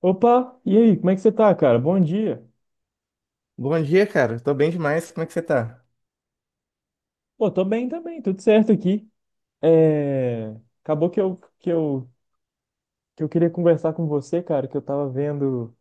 Opa, e aí, como é que você tá, cara? Bom dia. Bom dia, cara. Tô bem demais. Como é que você tá? Pô, tô bem também, tudo certo aqui. É... Acabou que eu queria conversar com você, cara, que eu tava vendo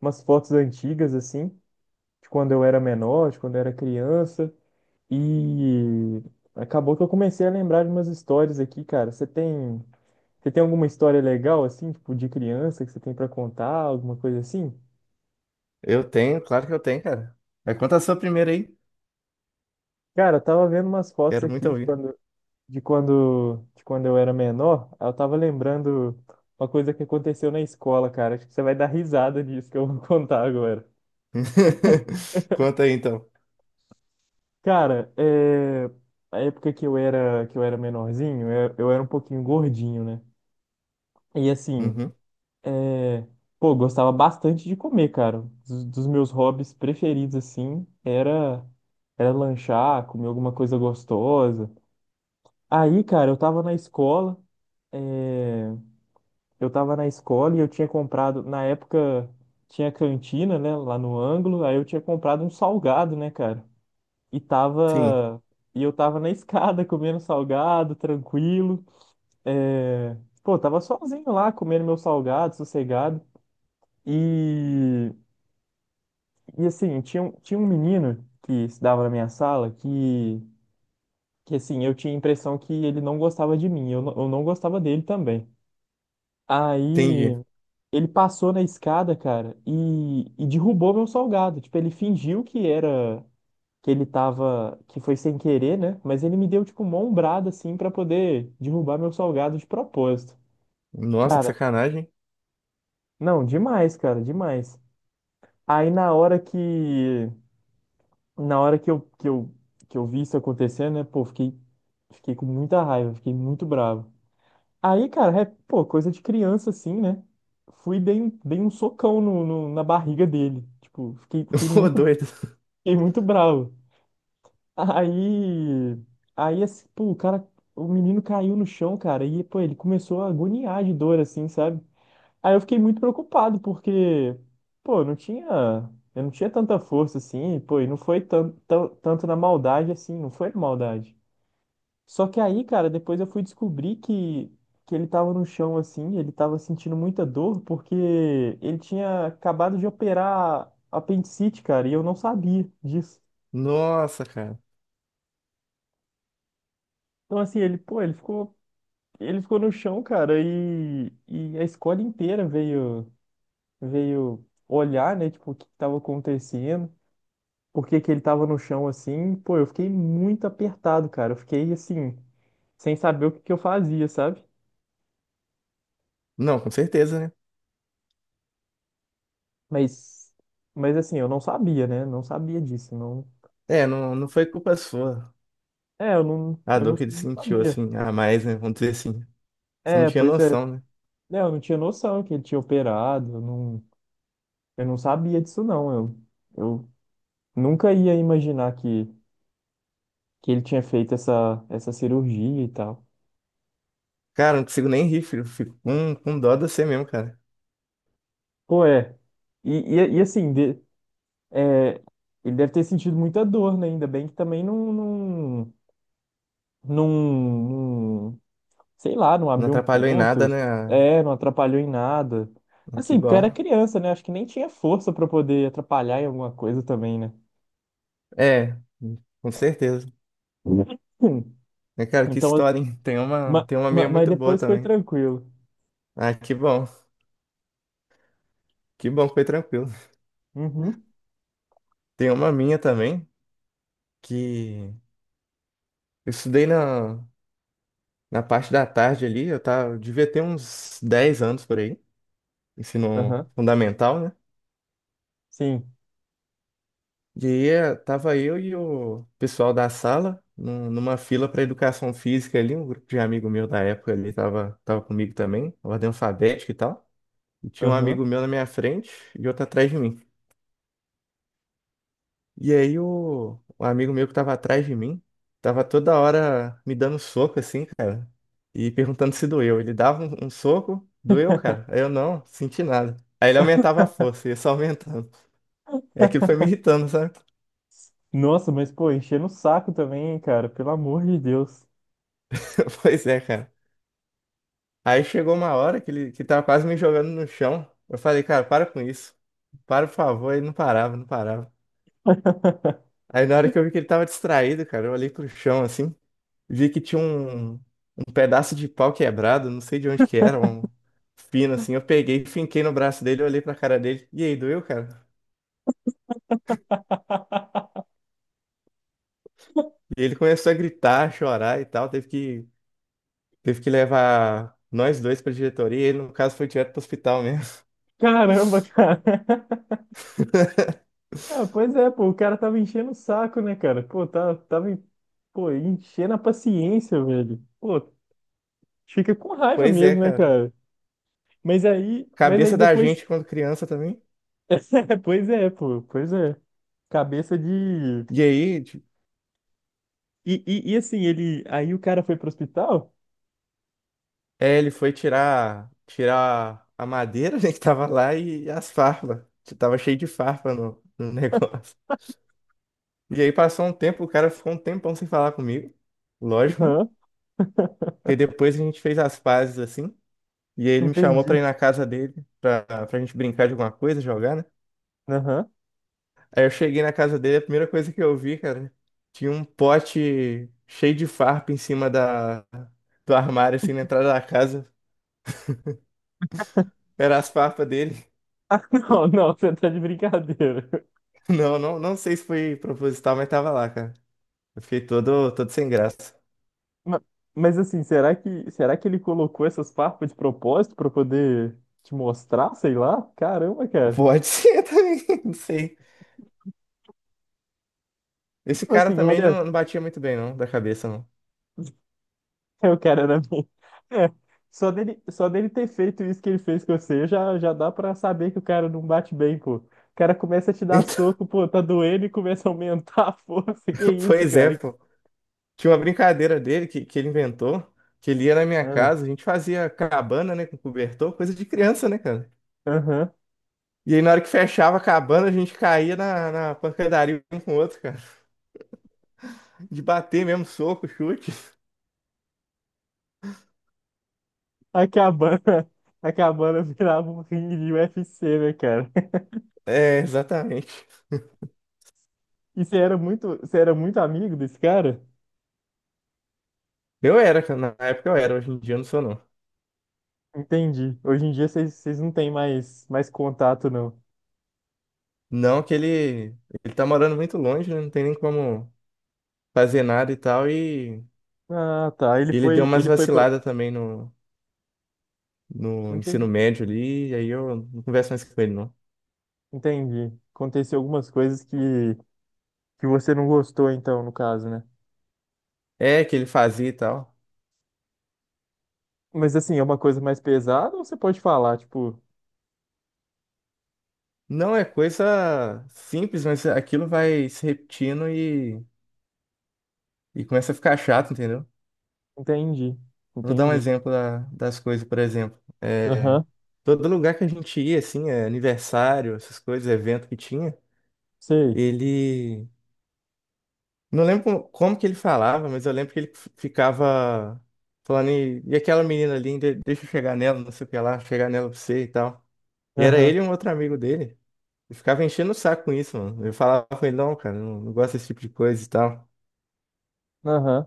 umas fotos antigas, assim, de quando eu era criança, e acabou que eu comecei a lembrar de umas histórias aqui, cara. Você tem alguma história legal, assim, tipo, de criança que você tem pra contar, alguma coisa assim? Eu tenho, claro que eu tenho, cara. Mas conta a sua primeira aí. Cara, eu tava vendo umas fotos Quero muito aqui de ouvir. quando de quando, de quando eu era menor, eu tava lembrando uma coisa que aconteceu na escola, cara. Acho que você vai dar risada disso que eu vou contar agora. Conta aí, então. Cara, a época que eu era menorzinho, eu era um pouquinho gordinho, né? E assim, Uhum. é, pô, gostava bastante de comer, cara. Dos meus hobbies preferidos, assim, era lanchar, comer alguma coisa gostosa. Aí, cara, eu tava na escola, é, eu tava na escola e eu tinha comprado, na época tinha cantina, né, lá no ângulo, aí eu tinha comprado um salgado, né, cara? E Sim, tava e eu tava na escada comendo salgado, tranquilo. É... Pô, tava sozinho lá comendo meu salgado, sossegado. E e assim, tinha um menino que estudava na minha sala que assim, eu tinha a impressão que ele não gostava de mim, eu não gostava dele também. entendi. Aí ele passou na escada, cara, e derrubou meu salgado. Tipo, ele fingiu que foi sem querer, né? Mas ele me deu, tipo, uma ombrada, assim, pra poder derrubar meu salgado de propósito. Nossa, que Cara, sacanagem. não, demais, cara, demais. Aí na hora que eu, que eu, que eu vi isso acontecendo, né? Pô, fiquei com muita raiva, fiquei muito bravo. Aí, cara, pô, coisa de criança assim, né? Fui e dei um socão na barriga dele. Tipo, fiquei, fiquei Ô, muito, doido. fiquei muito bravo. Aí, aí, assim, pô, o menino caiu no chão, cara, e, pô, ele começou a agoniar de dor, assim, sabe? Aí eu fiquei muito preocupado, porque, pô, eu não tinha tanta força, assim, pô, e não foi tanto na maldade, assim, não foi na maldade. Só que aí, cara, depois eu fui descobrir que ele tava no chão assim, ele tava sentindo muita dor porque ele tinha acabado de operar apendicite, cara, e eu não sabia disso. Nossa, cara. Então, assim, ele, pô, ele ficou no chão, cara, e a escola inteira veio olhar, né, tipo, o que que tava acontecendo, por que que ele tava no chão assim. Pô, eu fiquei muito apertado, cara, eu fiquei assim, sem saber o que que eu fazia, sabe? Não, com certeza, né? Mas, mas assim, eu não sabia, né? Não sabia disso, não. É, não, não foi culpa sua. É, A eu não, dor que ele não sentiu, sabia. assim, a mais, né? Vamos dizer assim. Você não É, tinha pois é. noção, né? Né, eu não tinha noção que ele tinha operado, eu não sabia disso não. Eu nunca ia imaginar que ele tinha feito essa cirurgia e tal. Cara, não consigo nem rir, filho. Fico com dó de você mesmo, cara. Pô, é. E assim, é, ele deve ter sentido muita dor, né? Ainda bem que também não, não sei lá, não Não abriu um atrapalhou em ponto, nada, né? Não atrapalhou em nada. Ah, que Assim, porque eu bom. era criança, né? Acho que nem tinha força pra poder atrapalhar em alguma coisa também, né? É, com certeza. Hum. Né, cara, que Então, história, hein? Tem uma, mas, tem uma minha mas muito boa depois foi também. tranquilo. Ah, que bom. Que bom que foi tranquilo. Uhum, Tem uma minha também, que eu estudei na parte da tarde ali, eu tava, eu devia ter uns 10 anos por aí, ensino aham, fundamental, né? sim, E aí tava eu e o pessoal da sala numa fila para educação física ali, um grupo de amigo meu da época ali tava comigo também, ordem alfabética e tal. E tinha um aham. amigo meu na minha frente e outro atrás de mim. E aí o amigo meu que tava atrás de mim, tava toda hora me dando soco assim, cara, e perguntando se doeu. Ele dava um soco, doeu, cara. Aí eu não, senti nada. Aí ele aumentava a força, ia só aumentando. É, aquilo foi me irritando, sabe? Nossa, mas pô, enchendo o saco também, hein, cara, pelo amor de Deus. Pois é, cara. Aí chegou uma hora que ele que tava quase me jogando no chão. Eu falei, cara, para com isso. Para, por favor. Ele não parava, não parava. Aí na hora que eu vi que ele tava distraído, cara, eu olhei pro chão assim, vi que tinha um pedaço de pau quebrado, não sei de onde que era, um fino assim. Eu peguei, finquei no braço dele, olhei pra cara dele. E aí, doeu, cara? E ele começou a gritar, a chorar e tal. Teve que levar nós dois pra diretoria. E ele, no caso, foi direto pro hospital mesmo. Caramba, cara. Ah, pois é, pô, o cara tava enchendo o saco, né, cara? Pô, pô, enchendo a paciência, velho. Pô, fica com raiva Pois é, mesmo, né, cara. cara? Mas aí Cabeça da depois. gente quando criança também. Pois é, pô, pois é. Cabeça de. E aí, ti- E assim, ele. Aí o cara foi pro hospital? Ele foi tirar a madeira, né, que tava lá e as farpas. Tava cheio de farpa no negócio. E aí passou um tempo, o cara ficou um tempão sem falar comigo. Lógico, né? Aham, E depois a gente fez as pazes assim. E aí ele me chamou pra entendi. ir na casa dele, pra gente brincar de alguma coisa, jogar, né? Aham. Aí eu cheguei na casa dele, a primeira coisa que eu vi, cara, tinha um pote cheio de farpa em cima da, do armário, assim, na entrada da casa. Era as farpas dele. Ah, não, não, você tá de brincadeira. Não, não, não sei se foi proposital, mas tava lá, cara. Eu fiquei todo sem graça. Ma- Mas assim, será que ele colocou essas farpas de propósito pra poder te mostrar, sei lá? Caramba, cara. Pode ser também, não sei. Esse Tipo cara assim, também olha. não, não batia muito bem, não, da cabeça, não. Eu quero era mim. É, só dele ter feito isso que ele fez com você, já dá pra saber que o cara não bate bem, pô. O cara começa a te dar Então, soco, pô, tá doendo e começa a aumentar a força. Que isso, pois é, cara? pô. Tinha uma brincadeira dele que ele inventou, que ele ia na minha Ah, casa, a gente fazia cabana, né, com cobertor, coisa de criança, né, cara? aham. E aí na hora que fechava a cabana, a gente caía na pancadaria um com o outro, cara. De bater mesmo, soco, chute. A cabana, a cabana virava um ringue de UFC, né, cara? É, exatamente. E você era muito amigo desse cara? Eu era, cara, na época eu era, hoje em dia eu não sou não. Entendi. Hoje em dia vocês não têm mais contato, não. Não que ele tá morando muito longe, né, não tem nem como fazer nada e tal, e Ah, tá. Ele deu umas Ele foi pra. vaciladas também no ensino Enten- médio ali, e aí eu não converso mais com ele, não. Entendi. Aconteceu algumas coisas que você não gostou, então, no caso, né? É, que ele fazia e tal. Mas assim, é uma coisa mais pesada ou você pode falar, tipo, Não é coisa simples, mas aquilo vai se repetindo e começa a ficar chato, entendeu? entendi, Vou dar um entendi. exemplo das coisas, por exemplo. É, Aham, todo lugar que a gente ia, assim, é, aniversário, essas coisas, evento que tinha, sei. ele. Não lembro como, como que ele falava, mas eu lembro que ele ficava falando, e aquela menina ali, deixa eu chegar nela, não sei o que lá, chegar nela pra você e tal. E era Aham, ele e um outro amigo dele. Eu ficava enchendo o saco com isso, mano. Eu falava com ele, não, cara, não, não gosto desse tipo de coisa e tal. aham,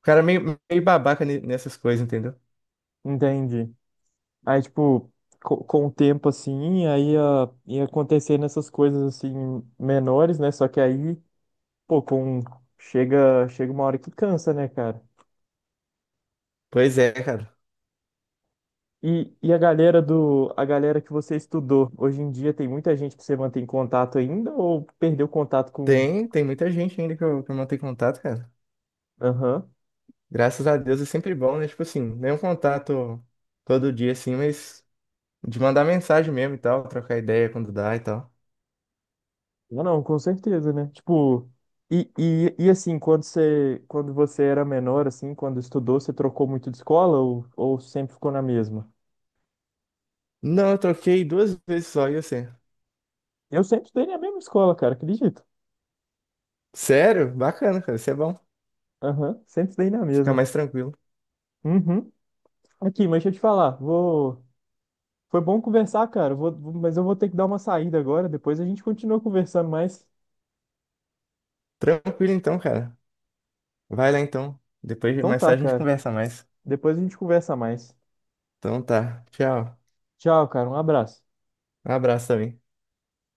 O cara é meio, meio babaca nessas coisas, entendeu? entendi. Aí, tipo, com o tempo, assim, ia acontecendo essas coisas, assim, menores, né? Só que aí, pô, com... Chega uma hora que cansa, né, cara? Pois é, cara. E a galera do, a galera que você estudou, hoje em dia tem muita gente que você mantém contato ainda ou perdeu contato com... Tem muita gente ainda que que eu mantenho contato, cara. Aham. Graças a Deus é sempre bom, né? Tipo assim, nem um contato todo dia, assim, mas de mandar mensagem mesmo e tal, trocar ideia quando dá e tal. Não, não, com certeza, né? Tipo, e assim, quando você era menor, assim, quando estudou, você trocou muito de escola ou sempre ficou na mesma? Não, eu troquei 2 vezes só, e você? Eu sempre estudei na mesma escola, cara, acredito. Sério? Bacana, cara. Isso é bom. Aham, sempre estudei na Fica mesma. mais tranquilo. Uhum. Aqui, mas deixa eu te falar, vou... Foi bom conversar, cara, mas eu vou ter que dar uma saída agora, depois a gente continua conversando mais. Tranquilo então, cara. Vai lá então. Depois Então mais tá, tarde a gente cara, conversa mais. depois a gente conversa mais. Então tá. Tchau. Tchau, cara, um abraço. Um abraço também.